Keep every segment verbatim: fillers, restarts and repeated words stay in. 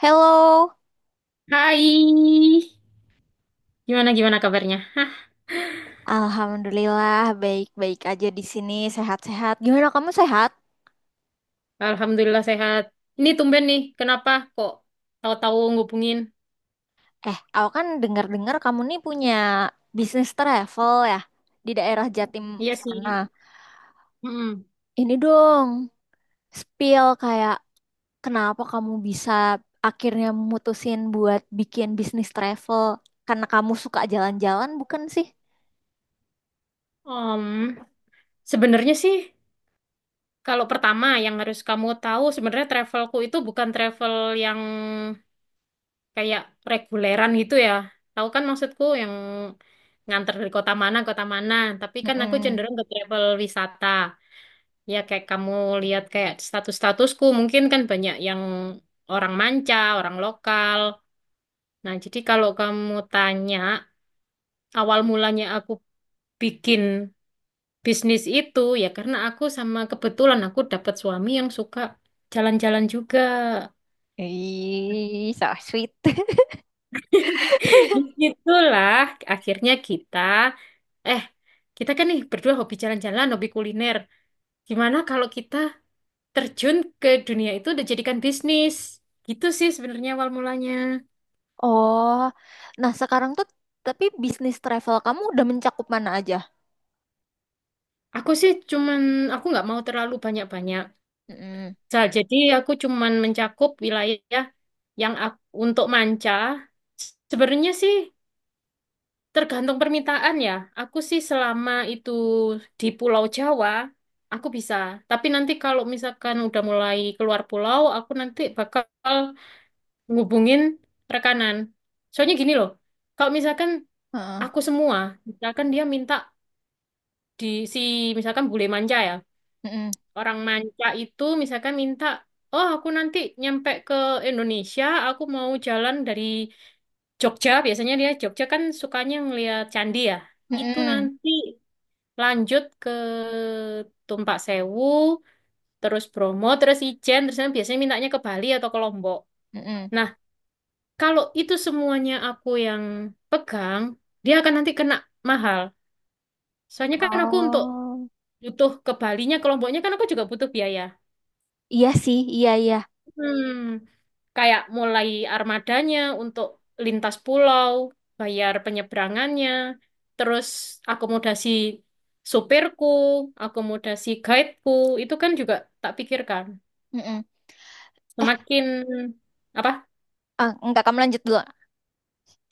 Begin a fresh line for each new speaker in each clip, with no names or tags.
Halo.
Hai, gimana gimana kabarnya? Hah,
Alhamdulillah, baik-baik aja di sini, sehat-sehat. Gimana kamu sehat?
alhamdulillah sehat. Ini tumben nih, kenapa kok tahu-tahu ngubungin?
Eh, aku kan dengar-dengar kamu nih punya bisnis travel ya di daerah Jatim
Iya
sana.
sih. Mm.
Ini dong, spill kayak kenapa kamu bisa akhirnya mutusin buat bikin bisnis travel? Karena kamu suka jalan-jalan, bukan sih?
Om, sebenarnya sih kalau pertama yang harus kamu tahu sebenarnya travelku itu bukan travel yang kayak reguleran gitu ya. Tahu kan maksudku yang nganter dari kota mana kota mana, tapi kan aku
Mm-mm.
cenderung ke travel wisata. Ya kayak kamu lihat kayak status-statusku mungkin kan banyak yang orang manca, orang lokal. Nah, jadi kalau kamu tanya awal mulanya aku bikin bisnis itu ya karena aku sama kebetulan aku dapat suami yang suka jalan-jalan juga.
Ih, so sweet.
Itulah akhirnya kita eh kita kan nih berdua hobi jalan-jalan, hobi kuliner. Gimana kalau kita terjun ke dunia itu dan jadikan bisnis? Gitu sih sebenarnya awal mulanya.
Oh, nah sekarang tuh tapi bisnis travel kamu udah mencakup mana aja?
Aku sih cuman, aku nggak mau terlalu banyak-banyak.
Mm-mm.
Sa- Jadi aku cuman mencakup wilayah yang ak- untuk manca. Sebenarnya sih tergantung permintaan ya. Aku sih selama itu di Pulau Jawa, aku bisa. Tapi nanti kalau misalkan udah mulai keluar pulau, aku nanti bakal ngubungin rekanan. Soalnya gini loh, kalau misalkan
Heeh.
aku semua, misalkan dia minta di si, misalkan bule manca ya.
Mm-mm.
Orang manca itu misalkan minta, oh aku nanti nyampe ke Indonesia, aku mau jalan dari Jogja, biasanya dia Jogja kan sukanya ngeliat candi ya. Itu
Mm-mm.
nanti lanjut ke Tumpak Sewu, terus Bromo, terus Ijen, terus nanti biasanya mintanya ke Bali atau ke Lombok.
Mm-mm.
Nah, kalau itu semuanya aku yang pegang, dia akan nanti kena mahal. Soalnya kan aku untuk
Oh,
butuh ke Balinya, ke Lomboknya kan aku juga butuh biaya.
iya sih, iya iya.
Hmm, kayak mulai armadanya untuk lintas pulau, bayar penyeberangannya, terus akomodasi supirku, akomodasi guideku, itu kan juga tak pikirkan.
Mm-mm. Eh,
Semakin apa?
ah, enggak, kamu lanjut dulu.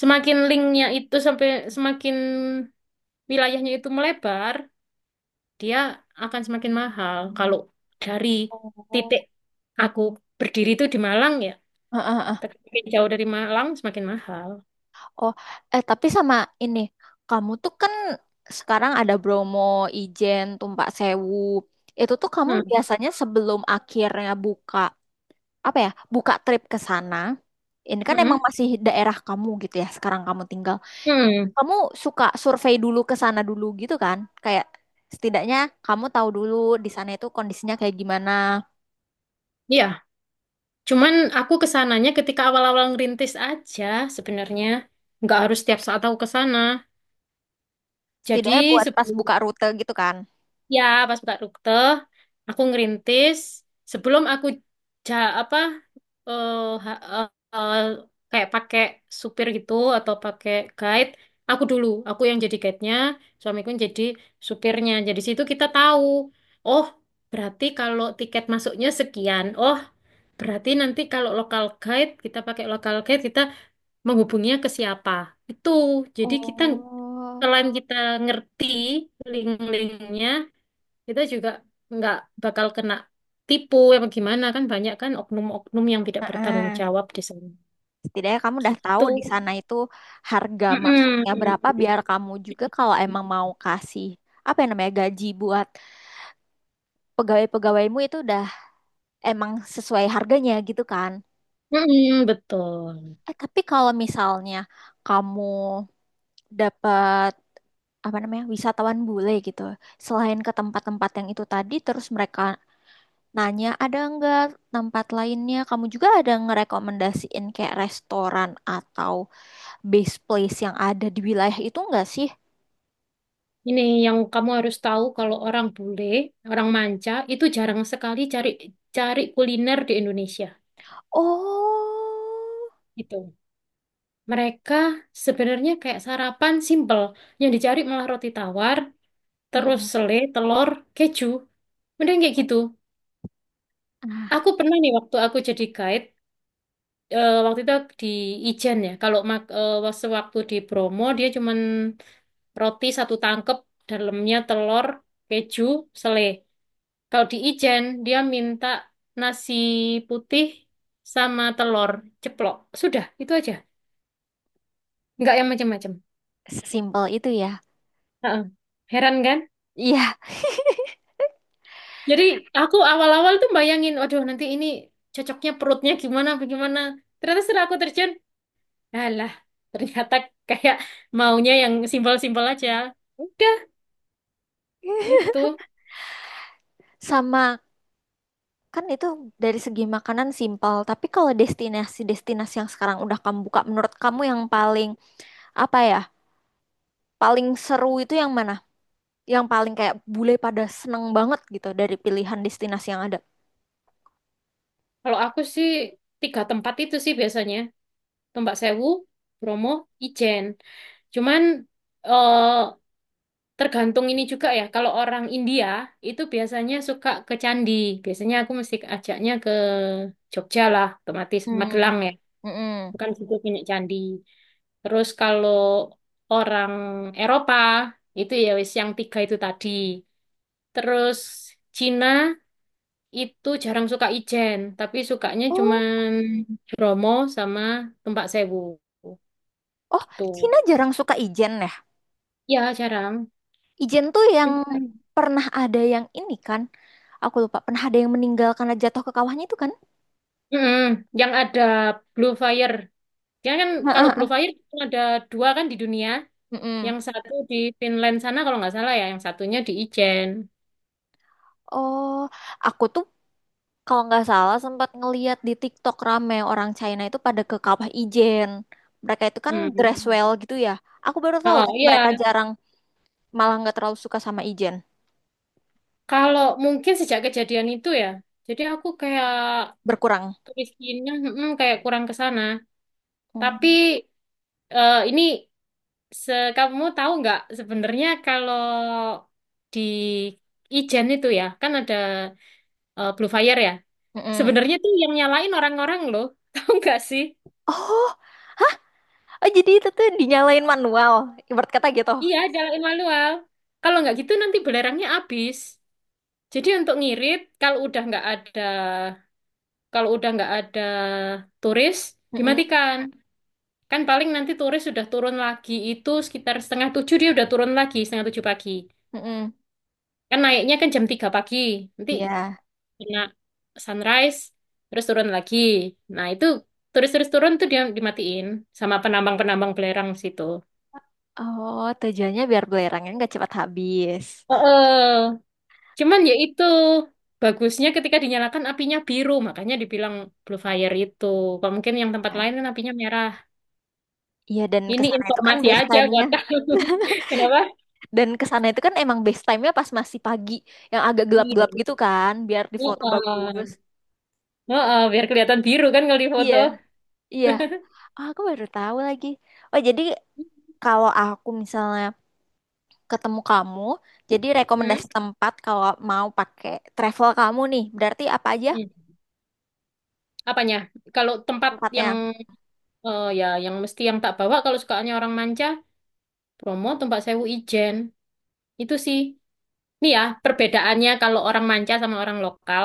Semakin linknya itu sampai semakin wilayahnya itu melebar, dia akan semakin mahal. Kalau dari
Oh.
titik aku berdiri itu di Malang ya,
Heeh, heeh.
tapi jauh dari Malang semakin mahal.
Oh, eh tapi sama ini, kamu tuh kan sekarang ada Bromo, Ijen, Tumpak Sewu. Itu tuh kamu
Hmm.
biasanya sebelum akhirnya buka apa ya, buka trip ke sana, ini kan emang
Mm-mm.
masih daerah kamu gitu ya, sekarang kamu tinggal,
Hmm,
kamu suka survei dulu ke sana dulu gitu kan, kayak setidaknya kamu tahu dulu di sana itu kondisinya kayak gimana,
iya. Cuman aku kesananya ketika awal-awal ngerintis aja sebenarnya. Nggak harus setiap saat aku kesana. Jadi
setidaknya buat pas
sebelum,
buka rute gitu kan.
ya pas buka rute, aku ngerintis. Sebelum aku, ja, apa, eh, ha- eh, eh, kayak pakai supir gitu atau pakai guide, aku dulu, aku yang jadi guide-nya, suamiku yang jadi supirnya. Jadi situ kita tahu, oh berarti kalau tiket masuknya sekian, oh berarti nanti kalau local guide, kita pakai local guide, kita menghubunginya ke siapa? Itu. Jadi kita
Oh.
selain kita ngerti link-linknya, kita juga nggak bakal kena tipu apa gimana kan banyak kan oknum-oknum yang tidak bertanggung
Heeh.
jawab di sana.
Setidaknya kamu udah tahu
Gitu.
di sana itu harga masuknya
Mm-mm.
berapa biar kamu juga kalau emang mau kasih apa yang namanya gaji buat pegawai-pegawaimu itu udah emang sesuai harganya gitu kan.
Mm-mm, betul.
Eh, tapi kalau misalnya kamu dapat apa namanya wisatawan bule gitu, selain ke tempat-tempat yang itu tadi, terus mereka nanya ada nggak tempat lainnya, kamu juga ada ngerekomendasiin kayak restoran atau base place yang ada di wilayah itu nggak sih?
Ini yang kamu harus tahu kalau orang bule, orang manca itu jarang sekali cari cari kuliner di Indonesia.
Oh.
Gitu. Mereka sebenarnya kayak sarapan simple. Yang dicari malah roti tawar, terus
Mm-mm.
selai, telur, keju. Mending kayak gitu.
Ah,
Aku pernah nih waktu aku jadi guide, eh, waktu itu di Ijen ya. Kalau mak- eh, sewaktu di Bromo dia cuman roti satu tangkep, dalamnya telur, keju, selai. Kalau di Ijen dia minta nasi putih sama telur ceplok. Sudah, itu aja. Nggak yang macam-macam.
sesimpel itu ya.
Heeh. Heran kan?
Iya,
Jadi aku awal-awal tuh bayangin, waduh nanti ini cocoknya perutnya gimana, bagaimana. Ternyata setelah aku terjun, alah ternyata kayak maunya yang simpel-simpel aja. Udah gitu.
sama. Kan itu dari segi makanan simpel, tapi kalau destinasi-destinasi yang sekarang udah kamu buka, menurut kamu yang paling apa ya, paling seru itu yang mana? Yang paling kayak bule pada seneng banget gitu dari pilihan destinasi yang ada.
Kalau aku sih tiga tempat itu sih biasanya. Tombak Sewu, Bromo, Ijen. Cuman eh, tergantung ini juga ya. Kalau orang India itu biasanya suka ke candi. Biasanya aku mesti ajaknya ke Jogja lah, otomatis
Hmm,
Magelang ya.
mm-mm.
Bukan situ punya candi. Terus kalau orang Eropa itu ya wis yang tiga itu tadi. Terus Cina itu jarang suka Ijen, tapi sukanya
Oh,
cuman Bromo sama Tumpak Sewu
oh,
gitu.
Cina jarang suka Ijen ya.
Ya jarang.
Ijen tuh yang pernah ada yang ini kan, aku lupa, pernah ada yang meninggal karena jatuh ke kawahnya itu kan?
Mm-mm. Yang ada Blue Fire. Dia kan kalau Blue
Heeh.
Fire cuma ada dua kan di dunia.
Mm-mm.
Yang satu di Finland sana kalau nggak salah ya, yang satunya di Ijen.
Oh, aku tuh kalau nggak salah sempat ngeliat di TikTok rame orang China itu pada ke Kawah Ijen. Mereka itu kan dress
Hmm.
well gitu ya. Aku baru tahu
Oh
tapi
iya,
mereka jarang, malah nggak terlalu suka sama Ijen.
kalau mungkin sejak kejadian itu ya, jadi aku kayak
Berkurang.
miskinnya mm, kayak kurang ke sana. Tapi
Hmm.
eh, ini se kamu tahu nggak sebenarnya kalau di Ijen itu ya, kan ada eh, Blue Fire ya.
Mm-mm.
Sebenarnya tuh yang nyalain orang-orang loh, tahu nggak sih?
Oh, oh, jadi itu tuh dinyalain manual. Ibarat kata gitu.
Iya, nyalain manual. Kalau nggak gitu nanti belerangnya habis. Jadi untuk ngirit, kalau udah nggak ada, kalau udah nggak ada turis,
Mm-mm.
dimatikan. Kan paling nanti turis sudah turun lagi itu sekitar setengah tujuh dia udah turun lagi, setengah tujuh pagi.
Mm-mm.
Kan naiknya kan jam tiga pagi. Nanti
Ya.
kena sunrise, terus turun lagi. Nah itu turis-turis turun tuh dia dimatiin sama penambang-penambang belerang situ.
Oh, tujuannya biar belerangnya nggak cepat habis.
Heeh. Cuman ya itu bagusnya ketika dinyalakan apinya biru, makanya dibilang blue fire itu. Kok mungkin yang tempat
Ya.
lain kan apinya merah.
Iya, dan
Ini
kesana itu kan
informasi
base
aja
time-nya.
buat kamu. Kenapa?
Dan kesana itu kan emang best time-nya pas masih pagi, yang agak
Iya.
gelap-gelap gitu kan, biar di foto bagus.
Heeh. Oh, oh, biar kelihatan biru kan kalau di
Iya,
foto.
iya. Ah, aku baru tahu lagi. Oh, jadi kalau aku misalnya ketemu kamu, jadi
Hmm?
rekomendasi tempat kalau mau pakai travel kamu nih, berarti apa aja
Hmm. Apanya? Kalau tempat yang
tempatnya?
eh, ya yang mesti yang tak bawa kalau sukaannya orang manca, Bromo, Tumpak Sewu, Ijen. Itu sih. Nih ya, perbedaannya kalau orang manca sama orang lokal.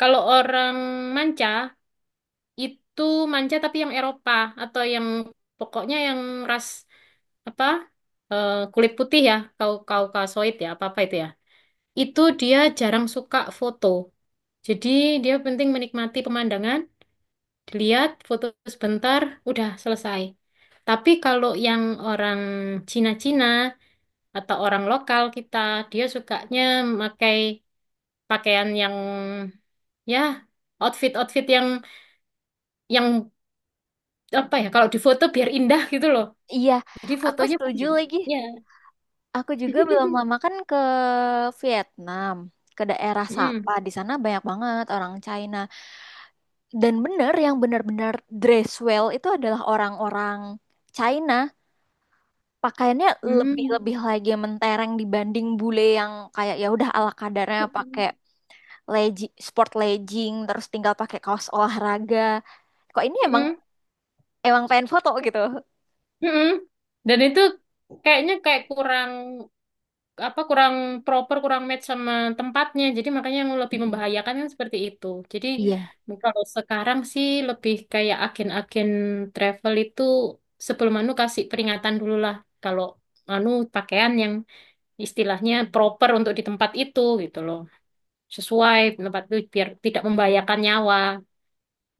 Kalau orang manca itu manca tapi yang Eropa atau yang pokoknya yang ras apa? Eh, kulit putih ya, kau kaukasoid ya, apa-apa itu ya. Itu dia jarang suka foto. Jadi dia penting menikmati pemandangan dilihat foto sebentar udah selesai tapi kalau yang orang Cina-Cina atau orang lokal kita dia sukanya pakai pakaian yang ya outfit outfit yang yang apa ya kalau di foto biar indah gitu loh
Iya,
jadi
aku
fotonya
setuju
banyak
lagi.
ya.
Aku juga belum lama kan ke Vietnam, ke daerah Sapa.
Mm.
Di sana banyak banget orang China. Dan bener yang benar-benar dress well itu adalah orang-orang China. Pakaiannya
Mm.
lebih-lebih lagi mentereng dibanding bule yang kayak ya udah ala kadarnya pakai
Mm.
legging, sport legging, terus tinggal pakai kaos olahraga. Kok ini emang
Mm.
emang pengen foto gitu.
Mm. Dan itu kayaknya kayak kurang apa kurang proper, kurang match sama tempatnya. Jadi makanya yang lebih
Mm-mm.
membahayakan kan seperti itu. Jadi
Iya,
mungkin kalau sekarang sih lebih kayak agen-agen travel itu sebelum anu kasih peringatan dulu lah kalau anu pakaian yang istilahnya proper untuk di tempat itu gitu loh. Sesuai tempat itu biar tidak membahayakan nyawa.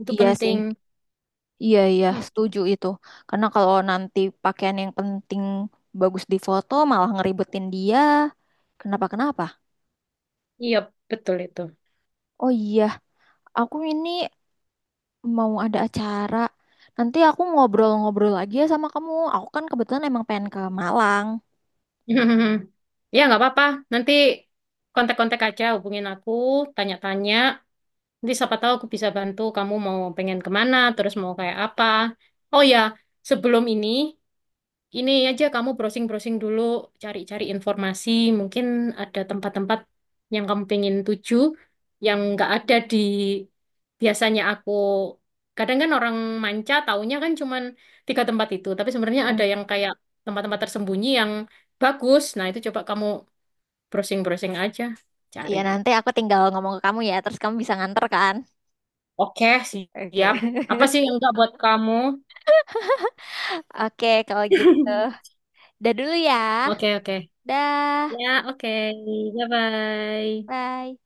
Itu
iya
penting.
sih. Iya, iya,
Hmm,
setuju itu. Karena kalau nanti pakaian yang penting bagus di foto malah ngeribetin dia. Kenapa-kenapa?
iya, betul itu.
Oh iya, aku ini mau ada acara. Nanti aku ngobrol-ngobrol lagi ya sama kamu. Aku kan kebetulan emang pengen ke Malang.
Ya, nggak apa-apa. Nanti kontak-kontak aja, hubungin aku, tanya-tanya. Nanti siapa tahu aku bisa bantu kamu mau pengen kemana, terus mau kayak apa. Oh ya, sebelum ini, ini aja kamu browsing-browsing dulu, cari-cari informasi. Mungkin ada tempat-tempat yang kamu pengen tuju, yang nggak ada di biasanya aku. Kadang kan orang manca taunya kan cuman tiga tempat itu, tapi sebenarnya
Mm.
ada yang kayak tempat-tempat tersembunyi yang bagus. Nah itu coba kamu browsing-browsing aja, cari.
Iya, nanti aku tinggal ngomong ke kamu ya, terus kamu bisa nganter kan?
Oke,
Oke.
siap. Apa sih yang nggak buat kamu?
Oke, kalau gitu. Dah dulu ya.
Oke, oke.
Dah.
Ya, oke. Bye-bye.
Bye.